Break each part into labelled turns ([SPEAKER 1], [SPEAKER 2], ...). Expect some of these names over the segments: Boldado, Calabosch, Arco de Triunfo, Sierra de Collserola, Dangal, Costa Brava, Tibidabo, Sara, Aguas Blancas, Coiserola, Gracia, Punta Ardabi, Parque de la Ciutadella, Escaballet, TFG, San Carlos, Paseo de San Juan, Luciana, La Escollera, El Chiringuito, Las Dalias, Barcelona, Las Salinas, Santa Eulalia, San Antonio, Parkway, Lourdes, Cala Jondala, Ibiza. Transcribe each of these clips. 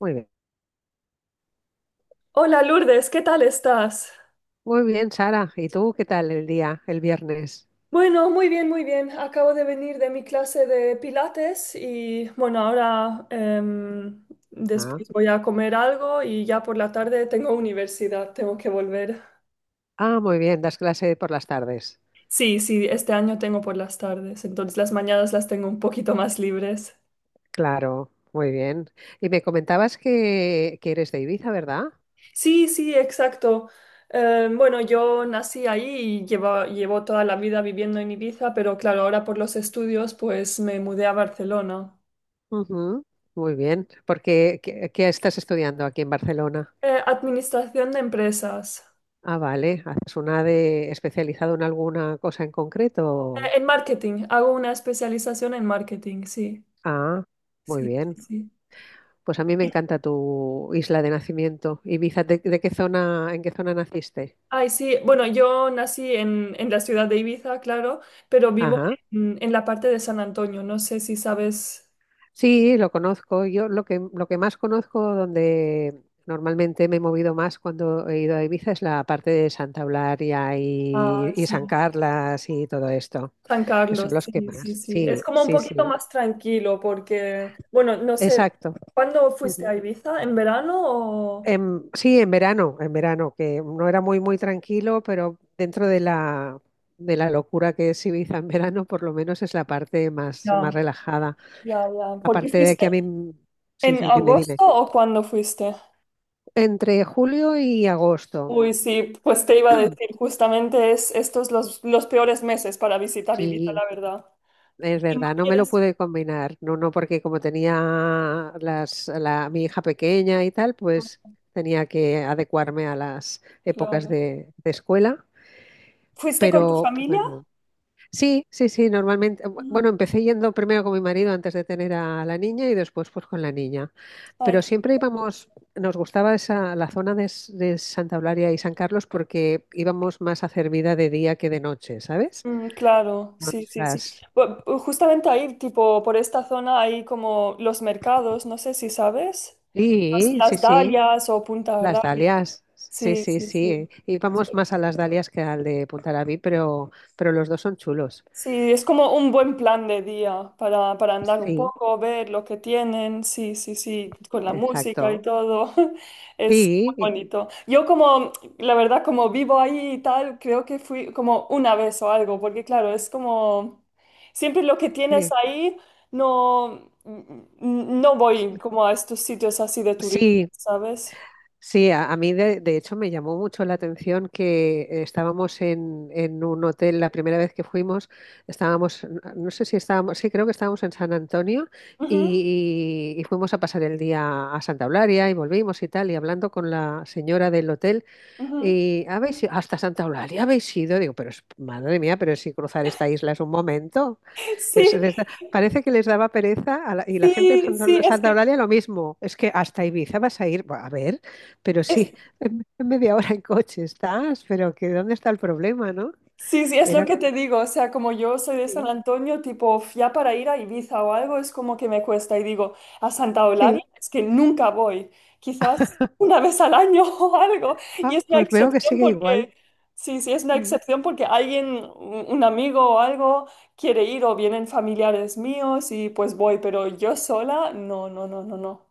[SPEAKER 1] Muy bien.
[SPEAKER 2] Hola Lourdes, ¿qué tal estás?
[SPEAKER 1] Muy bien, Sara. ¿Y tú qué tal el día, el viernes?
[SPEAKER 2] Bueno, muy bien, muy bien. Acabo de venir de mi clase de pilates y bueno, ahora
[SPEAKER 1] Ah,
[SPEAKER 2] después voy a comer algo y ya por la tarde tengo universidad, tengo que volver.
[SPEAKER 1] ah, muy bien, das clase por las tardes.
[SPEAKER 2] Sí, sí, este año tengo por las tardes, entonces las mañanas las tengo un poquito más libres.
[SPEAKER 1] Claro, muy bien. Y me comentabas que eres de Ibiza, ¿verdad?
[SPEAKER 2] Sí, sí, exacto. Bueno, yo nací ahí y llevo, llevo toda la vida viviendo en Ibiza, pero claro, ahora por los estudios pues me mudé a Barcelona.
[SPEAKER 1] Ujú. Muy bien. Porque, ¿qué estás estudiando aquí en Barcelona?
[SPEAKER 2] Administración de empresas.
[SPEAKER 1] Ah, vale. ¿Haces una de especializado en alguna cosa en concreto?
[SPEAKER 2] En marketing, hago una especialización en marketing, sí,
[SPEAKER 1] Ah, muy
[SPEAKER 2] sí,
[SPEAKER 1] bien.
[SPEAKER 2] sí.
[SPEAKER 1] Pues a mí me encanta tu isla de nacimiento. Ibiza, ¿de qué zona, en qué zona naciste?
[SPEAKER 2] Ay, sí, bueno, yo nací en la ciudad de Ibiza, claro, pero vivo
[SPEAKER 1] Ajá.
[SPEAKER 2] en la parte de San Antonio, no sé si sabes.
[SPEAKER 1] Sí, lo conozco. Yo lo que más conozco, donde normalmente me he movido más cuando he ido a Ibiza, es la parte de Santa Eulalia y,
[SPEAKER 2] Ah,
[SPEAKER 1] y San
[SPEAKER 2] sí.
[SPEAKER 1] Carlas y todo esto.
[SPEAKER 2] San
[SPEAKER 1] Esos son
[SPEAKER 2] Carlos,
[SPEAKER 1] los que
[SPEAKER 2] sí, sí,
[SPEAKER 1] más.
[SPEAKER 2] sí. Es
[SPEAKER 1] Sí,
[SPEAKER 2] como un
[SPEAKER 1] sí,
[SPEAKER 2] poquito
[SPEAKER 1] sí.
[SPEAKER 2] más tranquilo porque, bueno, no sé,
[SPEAKER 1] Exacto.
[SPEAKER 2] ¿cuándo fuiste
[SPEAKER 1] Ujú.
[SPEAKER 2] a Ibiza? ¿En verano o?
[SPEAKER 1] Sí, en verano, que no era muy, muy tranquilo, pero dentro de la locura que es Ibiza en verano, por lo menos es la parte más, más
[SPEAKER 2] Ya,
[SPEAKER 1] relajada.
[SPEAKER 2] ya, ya. ¿Por qué
[SPEAKER 1] Aparte de que a
[SPEAKER 2] fuiste?
[SPEAKER 1] mí, sí,
[SPEAKER 2] ¿En
[SPEAKER 1] sí, dime, dime.
[SPEAKER 2] agosto o cuándo fuiste?
[SPEAKER 1] Entre julio y agosto.
[SPEAKER 2] Uy, sí, pues te iba a decir, justamente es estos los peores meses para visitar Ibiza,
[SPEAKER 1] Sí,
[SPEAKER 2] la verdad.
[SPEAKER 1] es
[SPEAKER 2] Si no
[SPEAKER 1] verdad, no me lo
[SPEAKER 2] quieres,
[SPEAKER 1] pude combinar, no, no, porque como tenía la, mi hija pequeña y tal, pues
[SPEAKER 2] no,
[SPEAKER 1] tenía que adecuarme a las épocas
[SPEAKER 2] claro.
[SPEAKER 1] de escuela,
[SPEAKER 2] ¿Fuiste con tu
[SPEAKER 1] pero
[SPEAKER 2] familia?
[SPEAKER 1] bueno, sí, sí, sí, normalmente, bu-
[SPEAKER 2] Mm,
[SPEAKER 1] bueno, empecé yendo primero con mi marido antes de tener a la niña y después pues con la niña,
[SPEAKER 2] ay,
[SPEAKER 1] pero siempre íbamos, nos gustaba la zona de Santa Eulalia y San Carlos porque íbamos más a hacer vida de día que de noche, ¿sabes?
[SPEAKER 2] mm, claro,
[SPEAKER 1] Nos
[SPEAKER 2] sí, sí, sí.
[SPEAKER 1] las...
[SPEAKER 2] Justamente ahí, tipo, por esta zona hay como los mercados, no sé si sabes,
[SPEAKER 1] Sí, sí,
[SPEAKER 2] las
[SPEAKER 1] sí.
[SPEAKER 2] Dalias o Punta
[SPEAKER 1] Las
[SPEAKER 2] Ardabi.
[SPEAKER 1] dalias, sí,
[SPEAKER 2] Sí,
[SPEAKER 1] sí,
[SPEAKER 2] sí,
[SPEAKER 1] sí.
[SPEAKER 2] sí.
[SPEAKER 1] Y vamos más a las dalias que al de Puntarabí, pero los dos son chulos.
[SPEAKER 2] Sí, es como un buen plan de día para andar un
[SPEAKER 1] Sí,
[SPEAKER 2] poco, ver lo que tienen, sí, sí, sí, con la música y
[SPEAKER 1] exacto.
[SPEAKER 2] todo. Es muy
[SPEAKER 1] Sí,
[SPEAKER 2] bonito. Yo como, la verdad, como vivo ahí y tal, creo que fui como una vez o algo, porque claro, es como, siempre lo que tienes
[SPEAKER 1] sí.
[SPEAKER 2] ahí, no, no voy como a estos sitios así de turismo,
[SPEAKER 1] Sí,
[SPEAKER 2] ¿sabes?
[SPEAKER 1] sí, a mí de, hecho me llamó mucho la atención que estábamos en un hotel la primera vez que fuimos, no sé si estábamos, sí, creo que estábamos en San Antonio
[SPEAKER 2] Ujú,
[SPEAKER 1] y fuimos a pasar el día a Santa Eulalia y volvimos y tal, y hablando con la señora del hotel.
[SPEAKER 2] ujú.
[SPEAKER 1] Y habéis ido hasta Santa Eulalia, habéis ido, digo, pero madre mía, pero si cruzar esta isla es un momento.
[SPEAKER 2] Sí,
[SPEAKER 1] Parece que les daba pereza a y la gente de
[SPEAKER 2] sí,
[SPEAKER 1] Santa
[SPEAKER 2] sí,
[SPEAKER 1] Eula-
[SPEAKER 2] es
[SPEAKER 1] Santa
[SPEAKER 2] que
[SPEAKER 1] Eulalia lo mismo. Es que hasta Ibiza vas a ir, a ver, pero sí, en, media hora en coche estás, pero que ¿dónde está el problema, no?
[SPEAKER 2] Sí, sí, es lo
[SPEAKER 1] Era,
[SPEAKER 2] que te digo, o sea, como yo soy de San
[SPEAKER 1] sí,
[SPEAKER 2] Antonio, tipo, ya para ir a Ibiza o algo es como que me cuesta y digo, a Santa Eulalia
[SPEAKER 1] sí.
[SPEAKER 2] es que nunca voy, quizás una vez al año o algo, y
[SPEAKER 1] Ah,
[SPEAKER 2] es una
[SPEAKER 1] pues veo que
[SPEAKER 2] excepción
[SPEAKER 1] sigue igual.
[SPEAKER 2] porque, sí, sí, es una
[SPEAKER 1] Mm.
[SPEAKER 2] excepción porque alguien, un amigo o algo quiere ir o vienen familiares míos y pues voy, pero yo sola, no, no, no, no, no.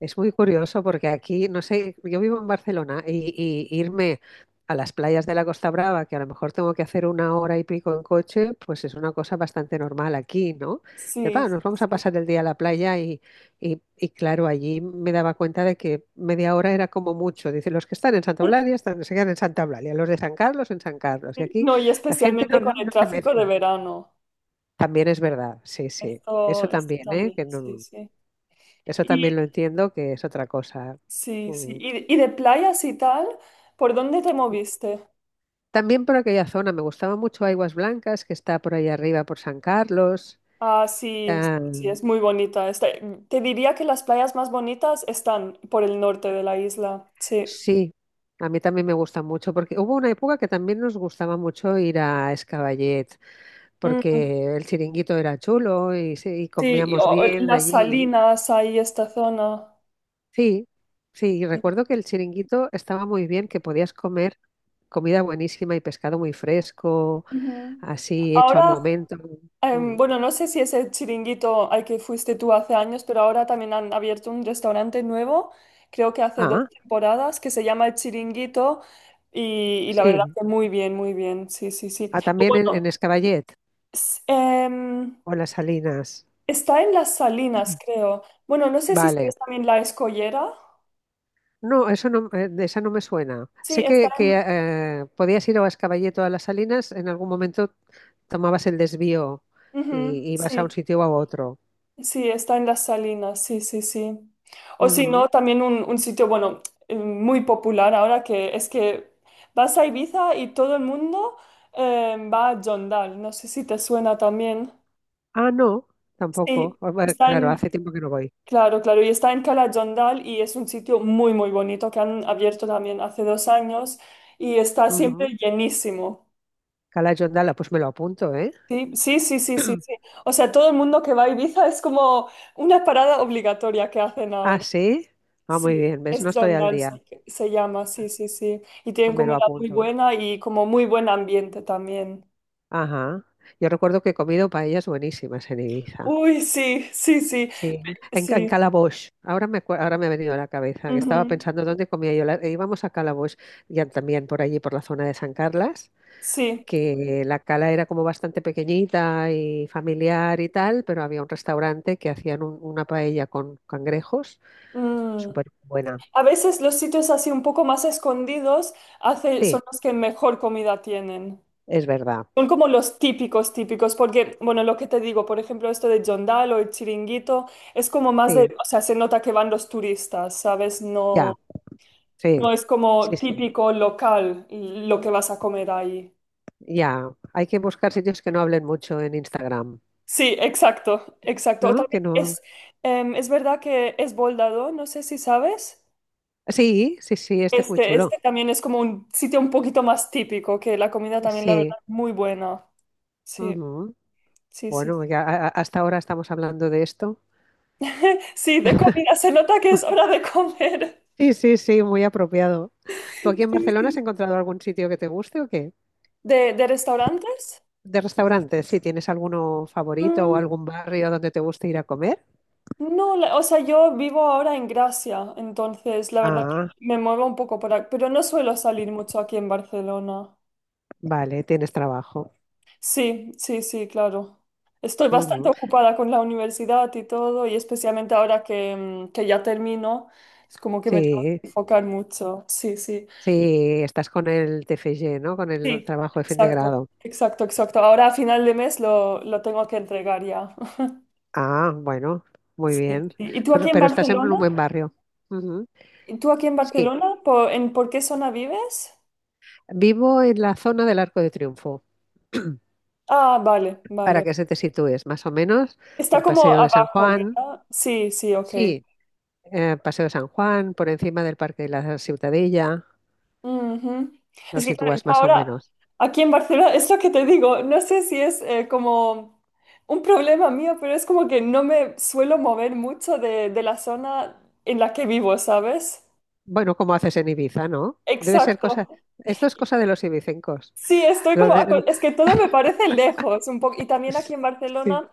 [SPEAKER 1] Es muy curioso porque aquí, no sé, yo vivo en Barcelona y irme a las playas de la Costa Brava, que a lo mejor tengo que hacer una hora y pico en coche, pues es una cosa bastante normal aquí, ¿no? Dices,
[SPEAKER 2] Sí,
[SPEAKER 1] "Va, nos vamos a pasar el día a la playa y claro, allí me daba cuenta de que media hora era como mucho. Dicen, los que están en Santa Eulalia se quedan en Santa Eulalia, los de San Carlos en San Carlos. Y
[SPEAKER 2] sí.
[SPEAKER 1] aquí
[SPEAKER 2] No, y
[SPEAKER 1] la gente no,
[SPEAKER 2] especialmente con
[SPEAKER 1] no
[SPEAKER 2] el
[SPEAKER 1] no se
[SPEAKER 2] tráfico de
[SPEAKER 1] mezcla.
[SPEAKER 2] verano,
[SPEAKER 1] También es verdad, sí, sí. Eso
[SPEAKER 2] esto
[SPEAKER 1] también, ¿eh?
[SPEAKER 2] también,
[SPEAKER 1] Que
[SPEAKER 2] sí, sí.
[SPEAKER 1] eso también lo entiendo, que es otra cosa.
[SPEAKER 2] Sí, sí.
[SPEAKER 1] Mm.
[SPEAKER 2] ¿Y y de playas y tal? ¿Por dónde te moviste?
[SPEAKER 1] También por aquella zona, me gustaba mucho Aguas Blancas, que está por ahí arriba, por San Carlos.
[SPEAKER 2] Ah, sí,
[SPEAKER 1] Ah,
[SPEAKER 2] sí, es muy bonita. Te diría que las playas más bonitas están por el norte de la isla. Sí.
[SPEAKER 1] sí, a mí también me gusta mucho, porque hubo una época que también nos gustaba mucho ir a Escaballet,
[SPEAKER 2] Mm,
[SPEAKER 1] porque el chiringuito era chulo y, sí, y
[SPEAKER 2] sí, y,
[SPEAKER 1] comíamos
[SPEAKER 2] o
[SPEAKER 1] bien
[SPEAKER 2] las
[SPEAKER 1] allí.
[SPEAKER 2] salinas, ahí esta zona.
[SPEAKER 1] Sí, sí, y
[SPEAKER 2] Sí.
[SPEAKER 1] recuerdo que el chiringuito estaba muy bien, que podías comer comida buenísima y pescado muy fresco,
[SPEAKER 2] Ujú.
[SPEAKER 1] así hecho al
[SPEAKER 2] Ahora
[SPEAKER 1] momento. Mm.
[SPEAKER 2] Bueno, no sé si es el chiringuito al que fuiste tú hace años, pero ahora también han abierto un restaurante nuevo, creo que hace dos
[SPEAKER 1] Ah.
[SPEAKER 2] temporadas, que se llama El Chiringuito y la verdad
[SPEAKER 1] Sí,
[SPEAKER 2] que muy bien, sí, sí, sí.
[SPEAKER 1] ah,
[SPEAKER 2] O
[SPEAKER 1] también en,
[SPEAKER 2] bueno,
[SPEAKER 1] en Escaballet
[SPEAKER 2] s- em,
[SPEAKER 1] o Las Salinas.
[SPEAKER 2] está en Las Salinas, creo. Bueno, no sé si
[SPEAKER 1] Vale.
[SPEAKER 2] es también La Escollera.
[SPEAKER 1] No, eso no, de esa no me suena.
[SPEAKER 2] Sí,
[SPEAKER 1] Sé
[SPEAKER 2] está
[SPEAKER 1] que, que
[SPEAKER 2] en
[SPEAKER 1] eh, podías ir a Escaballet o a Las Salinas, en algún momento tomabas el desvío
[SPEAKER 2] ujú,
[SPEAKER 1] y ibas a un
[SPEAKER 2] sí.
[SPEAKER 1] sitio o a otro.
[SPEAKER 2] Sí, está en las Salinas, sí, sí, sí. O si
[SPEAKER 1] Ujú.
[SPEAKER 2] no, también un sitio, bueno, muy popular ahora que es que vas a Ibiza y todo el mundo va a Jondal. No sé si te suena también.
[SPEAKER 1] Ah, no, tampoco.
[SPEAKER 2] Sí,
[SPEAKER 1] Ah, bueno,
[SPEAKER 2] está
[SPEAKER 1] claro,
[SPEAKER 2] en,
[SPEAKER 1] hace tiempo que no voy.
[SPEAKER 2] claro, claro, y está en Cala Jondal y es un sitio muy, muy bonito que han abierto también hace dos años y está siempre
[SPEAKER 1] Ujú.
[SPEAKER 2] llenísimo.
[SPEAKER 1] Cala Jondala, pues me lo apunto, ¿eh?
[SPEAKER 2] Sí, sí, sí, sí, sí, sí. O sea, todo el mundo que va a Ibiza es como una parada obligatoria que hacen
[SPEAKER 1] Ah,
[SPEAKER 2] ahora.
[SPEAKER 1] sí. Ah, muy
[SPEAKER 2] Sí,
[SPEAKER 1] bien, ¿ves? No
[SPEAKER 2] es
[SPEAKER 1] estoy al
[SPEAKER 2] Dangal,
[SPEAKER 1] día.
[SPEAKER 2] se llama, sí, sí, sí. Y tienen
[SPEAKER 1] Me lo
[SPEAKER 2] comida muy
[SPEAKER 1] apunto.
[SPEAKER 2] buena y como muy buen ambiente también.
[SPEAKER 1] Ajá. Yo recuerdo que he comido paellas buenísimas en Ibiza.
[SPEAKER 2] Uy, sí, sí, sí,
[SPEAKER 1] Sí, en
[SPEAKER 2] sí.
[SPEAKER 1] Calabosch. Ahora me ha venido a la cabeza que estaba
[SPEAKER 2] Ujú,
[SPEAKER 1] pensando dónde comía yo. E íbamos a Calabosch, ya también por allí, por la zona de San Carlas,
[SPEAKER 2] sí.
[SPEAKER 1] que la cala era como bastante pequeñita y familiar y tal, pero había un restaurante que hacían una paella con cangrejos,
[SPEAKER 2] Mm.
[SPEAKER 1] súper buena.
[SPEAKER 2] A veces los sitios así un poco más escondidos hace,
[SPEAKER 1] Sí,
[SPEAKER 2] son los que mejor comida tienen.
[SPEAKER 1] es verdad.
[SPEAKER 2] Son como los típicos, típicos, porque, bueno, lo que te digo, por ejemplo, esto de Jondal o el Chiringuito, es como más
[SPEAKER 1] Sí,
[SPEAKER 2] de, o sea, se nota que van los turistas, ¿sabes?
[SPEAKER 1] ya,
[SPEAKER 2] No.
[SPEAKER 1] sí,
[SPEAKER 2] No es
[SPEAKER 1] sí,
[SPEAKER 2] como
[SPEAKER 1] sí,
[SPEAKER 2] típico local lo que vas a comer ahí.
[SPEAKER 1] ya. Hay que buscar sitios que no hablen mucho en Instagram,
[SPEAKER 2] Sí, exacto, exacto. O
[SPEAKER 1] ¿no? Que
[SPEAKER 2] también
[SPEAKER 1] no.
[SPEAKER 2] es, es verdad que es Boldado, no sé si sabes.
[SPEAKER 1] Sí, sí, sí, este es muy
[SPEAKER 2] Este,
[SPEAKER 1] chulo.
[SPEAKER 2] este también es como un sitio un poquito más típico, que la comida también, la verdad,
[SPEAKER 1] Sí.
[SPEAKER 2] muy buena. Sí,
[SPEAKER 1] Ujú.
[SPEAKER 2] sí, sí.
[SPEAKER 1] Bueno, ya hasta ahora estamos hablando de esto.
[SPEAKER 2] Sí, de comida, se nota que es hora de comer.
[SPEAKER 1] Sí, sí, sí, muy apropiado. ¿Tú aquí en
[SPEAKER 2] Sí,
[SPEAKER 1] Barcelona has
[SPEAKER 2] sí.
[SPEAKER 1] encontrado algún sitio que te guste o qué?
[SPEAKER 2] De restaurantes?
[SPEAKER 1] De restaurantes, si tienes alguno favorito o algún barrio donde te guste ir a comer.
[SPEAKER 2] No, o sea, yo vivo ahora en Gracia, entonces la verdad
[SPEAKER 1] Ah,
[SPEAKER 2] que me muevo un poco por aquí, pero no suelo salir mucho aquí en Barcelona.
[SPEAKER 1] vale, tienes trabajo.
[SPEAKER 2] Sí, sí, sí, claro. Estoy bastante
[SPEAKER 1] Ujú.
[SPEAKER 2] ocupada con la universidad y todo, y especialmente ahora que, mm, que ya termino, es como que me tengo
[SPEAKER 1] Sí,
[SPEAKER 2] que enfocar mucho. Sí, sí,
[SPEAKER 1] sí, estás con el TFG, ¿no? Con el
[SPEAKER 2] sí,
[SPEAKER 1] trabajo de fin de
[SPEAKER 2] exacto,
[SPEAKER 1] grado.
[SPEAKER 2] exacto, exacto. Ahora a final de mes lo tengo que entregar ya.
[SPEAKER 1] Ah, bueno, muy
[SPEAKER 2] Sí, sí.
[SPEAKER 1] bien.
[SPEAKER 2] ¿Y tú
[SPEAKER 1] Pero,
[SPEAKER 2] aquí en
[SPEAKER 1] pero estás en un
[SPEAKER 2] Barcelona?
[SPEAKER 1] buen barrio. Ujú.
[SPEAKER 2] ¿Y tú aquí en
[SPEAKER 1] Sí,
[SPEAKER 2] Barcelona? ¿Por, en, por qué zona vives?
[SPEAKER 1] vivo en la zona del Arco de Triunfo.
[SPEAKER 2] Ah, vale,
[SPEAKER 1] Para
[SPEAKER 2] vale.
[SPEAKER 1] que se te sitúes, más o menos,
[SPEAKER 2] Está
[SPEAKER 1] el
[SPEAKER 2] como
[SPEAKER 1] Paseo de San
[SPEAKER 2] abajo,
[SPEAKER 1] Juan,
[SPEAKER 2] ¿verdad? Sí, sí, ok.
[SPEAKER 1] sí, Paseo de San Juan, por encima del Parque de la Ciutadella,
[SPEAKER 2] Ujú.
[SPEAKER 1] lo
[SPEAKER 2] Es que claro, yo
[SPEAKER 1] sitúas más o
[SPEAKER 2] ahora
[SPEAKER 1] menos.
[SPEAKER 2] aquí en Barcelona, esto que te digo, no sé si es como un problema mío, pero es como que no me suelo mover mucho de la zona en la que vivo, ¿sabes?
[SPEAKER 1] Bueno, como haces en Ibiza, ¿no? Debe ser cosa,
[SPEAKER 2] Exacto.
[SPEAKER 1] esto es cosa de los ibicencos.
[SPEAKER 2] Sí, estoy
[SPEAKER 1] Lo
[SPEAKER 2] como,
[SPEAKER 1] de-
[SPEAKER 2] es que todo me parece lejos un poco, y también aquí en
[SPEAKER 1] Sí,
[SPEAKER 2] Barcelona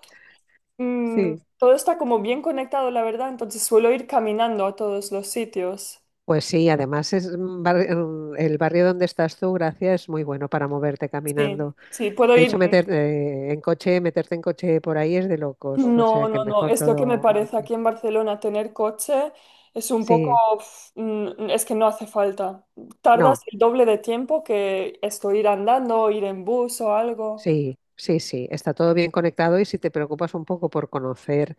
[SPEAKER 2] mm,
[SPEAKER 1] sí.
[SPEAKER 2] todo está como bien conectado, la verdad, entonces suelo ir caminando a todos los sitios.
[SPEAKER 1] Pues sí, además es el barrio donde estás tú, Gracia, es muy bueno para moverte
[SPEAKER 2] Sí,
[SPEAKER 1] caminando.
[SPEAKER 2] sí, puedo
[SPEAKER 1] De hecho,
[SPEAKER 2] ir.
[SPEAKER 1] meterte en coche por ahí es de locos, o sea
[SPEAKER 2] No,
[SPEAKER 1] que
[SPEAKER 2] no, no,
[SPEAKER 1] mejor
[SPEAKER 2] es lo que me
[SPEAKER 1] todo a
[SPEAKER 2] parece
[SPEAKER 1] pie.
[SPEAKER 2] aquí en Barcelona tener coche es un poco,
[SPEAKER 1] Sí,
[SPEAKER 2] uf, mm, es que no hace falta. Tardas
[SPEAKER 1] no.
[SPEAKER 2] el doble de tiempo que esto ir andando, ir en bus o algo.
[SPEAKER 1] Sí, sí, sí, está todo bien conectado y si te preocupas un poco por conocer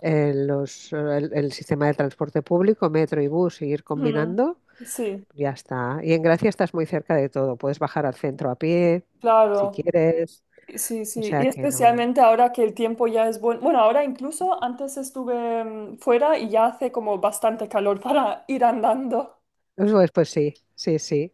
[SPEAKER 1] el sistema de transporte público, metro y bus, y ir
[SPEAKER 2] Mm,
[SPEAKER 1] combinando,
[SPEAKER 2] sí,
[SPEAKER 1] ya está. Y en Gracia estás muy cerca de todo, puedes bajar al centro a pie si
[SPEAKER 2] claro.
[SPEAKER 1] quieres,
[SPEAKER 2] Sí,
[SPEAKER 1] o
[SPEAKER 2] sí, y
[SPEAKER 1] sea que no.
[SPEAKER 2] especialmente ahora que el tiempo ya es bueno. Bueno, ahora incluso antes estuve fuera y ya hace como bastante calor para ir andando.
[SPEAKER 1] Pues sí, sí, sí.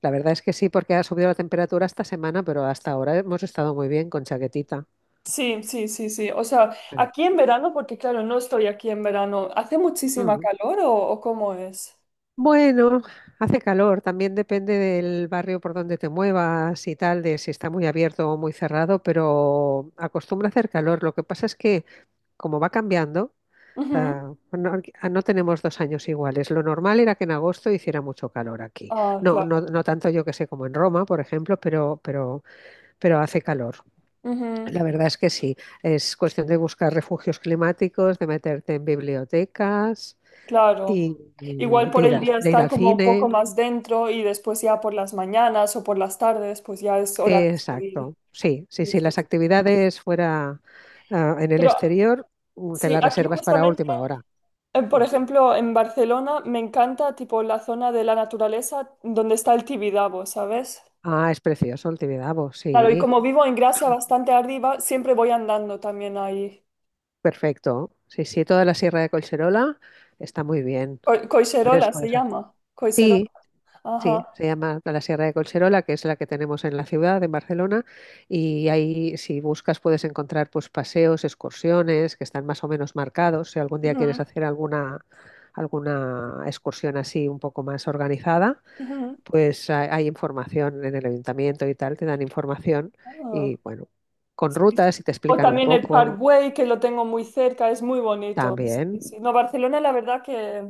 [SPEAKER 1] La verdad es que sí, porque ha subido la temperatura esta semana, pero hasta ahora hemos estado muy bien con chaquetita.
[SPEAKER 2] Sí, sí, sí, sí. O sea,
[SPEAKER 1] Sí.
[SPEAKER 2] aquí en verano, porque claro, no estoy aquí en verano. ¿Hace muchísima
[SPEAKER 1] Mm.
[SPEAKER 2] calor o cómo es?
[SPEAKER 1] Bueno, hace calor, también depende del barrio por donde te muevas y tal, de si está muy abierto o muy cerrado, pero acostumbra a hacer calor. Lo que pasa es que como va cambiando,
[SPEAKER 2] Ujú.
[SPEAKER 1] no, no tenemos 2 años iguales. Lo normal era que en agosto hiciera mucho calor aquí.
[SPEAKER 2] Ah,
[SPEAKER 1] No,
[SPEAKER 2] claro.
[SPEAKER 1] no, no tanto yo que sé como en Roma, por ejemplo, pero, hace calor.
[SPEAKER 2] Ujú,
[SPEAKER 1] La verdad es que sí. Es cuestión de buscar refugios climáticos, de meterte en bibliotecas
[SPEAKER 2] claro.
[SPEAKER 1] y,
[SPEAKER 2] Igual
[SPEAKER 1] y de
[SPEAKER 2] por
[SPEAKER 1] ir
[SPEAKER 2] el
[SPEAKER 1] al,
[SPEAKER 2] día
[SPEAKER 1] de ir
[SPEAKER 2] estar
[SPEAKER 1] al
[SPEAKER 2] como un poco
[SPEAKER 1] cine.
[SPEAKER 2] más dentro y después ya por las mañanas o por las tardes, pues ya es hora de salir.
[SPEAKER 1] Exacto, sí, sí,
[SPEAKER 2] Sí,
[SPEAKER 1] sí,
[SPEAKER 2] sí,
[SPEAKER 1] las
[SPEAKER 2] sí.
[SPEAKER 1] actividades fuera en el
[SPEAKER 2] Pero
[SPEAKER 1] exterior te
[SPEAKER 2] sí,
[SPEAKER 1] las
[SPEAKER 2] aquí
[SPEAKER 1] reservas para
[SPEAKER 2] justamente,
[SPEAKER 1] última hora.
[SPEAKER 2] por
[SPEAKER 1] Mm.
[SPEAKER 2] ejemplo, en Barcelona me encanta tipo la zona de la naturaleza donde está el Tibidabo, ¿sabes?
[SPEAKER 1] Ah, es precioso el Tibidabo,
[SPEAKER 2] Claro, y
[SPEAKER 1] sí,
[SPEAKER 2] como vivo en Gracia bastante arriba, siempre voy andando también ahí.
[SPEAKER 1] perfecto. Sí, sí, toda la Sierra de Collserola está muy bien. Puedes,
[SPEAKER 2] Coiserola se
[SPEAKER 1] puedes hacer-
[SPEAKER 2] llama. Coiserola.
[SPEAKER 1] Sí,
[SPEAKER 2] Ajá.
[SPEAKER 1] sí, se llama la Sierra de Collserola, que es la que tenemos en la ciudad, en Barcelona, y ahí si buscas puedes encontrar pues paseos, excursiones que están más o menos marcados. Si algún día quieres
[SPEAKER 2] Ujú,
[SPEAKER 1] hacer alguna excursión así un poco más organizada,
[SPEAKER 2] ujú.
[SPEAKER 1] pues hay información en el ayuntamiento y tal, te dan información
[SPEAKER 2] Ah,
[SPEAKER 1] y bueno, con
[SPEAKER 2] sí, sí.
[SPEAKER 1] rutas y te
[SPEAKER 2] O
[SPEAKER 1] explican un
[SPEAKER 2] también el
[SPEAKER 1] poco
[SPEAKER 2] Parkway, que lo tengo muy cerca, es muy bonito.
[SPEAKER 1] también.
[SPEAKER 2] Sí, sí. No, Barcelona, la verdad que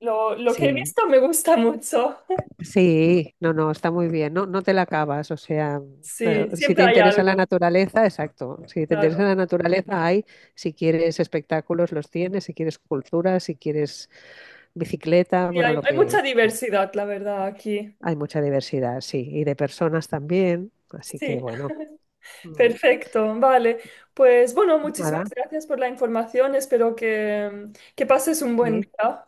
[SPEAKER 2] lo que he
[SPEAKER 1] Sí,
[SPEAKER 2] visto me gusta mucho.
[SPEAKER 1] sí, no, no, está muy bien, no, no te la acabas, o sea,
[SPEAKER 2] Sí,
[SPEAKER 1] si
[SPEAKER 2] siempre
[SPEAKER 1] te
[SPEAKER 2] hay
[SPEAKER 1] interesa la
[SPEAKER 2] algo,
[SPEAKER 1] naturaleza, exacto, si te interesa
[SPEAKER 2] claro.
[SPEAKER 1] la naturaleza hay, si quieres espectáculos los tienes, si quieres cultura, si quieres bicicleta,
[SPEAKER 2] Y
[SPEAKER 1] bueno,
[SPEAKER 2] hay,
[SPEAKER 1] lo
[SPEAKER 2] hay
[SPEAKER 1] que
[SPEAKER 2] mucha diversidad, la verdad, aquí.
[SPEAKER 1] hay mucha diversidad, sí, y de personas también, así que
[SPEAKER 2] Sí.
[SPEAKER 1] bueno, mm,
[SPEAKER 2] Perfecto, vale. Pues bueno, muchísimas
[SPEAKER 1] nada,
[SPEAKER 2] gracias por la información. Espero que pases un buen
[SPEAKER 1] sí.
[SPEAKER 2] día.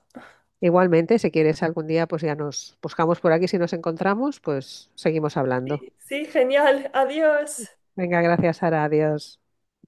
[SPEAKER 1] Igualmente, si quieres algún día, pues ya nos buscamos por aquí, si nos encontramos, pues seguimos hablando.
[SPEAKER 2] Sí, sí, genial. Adiós.
[SPEAKER 1] Venga, gracias, Sara, adiós.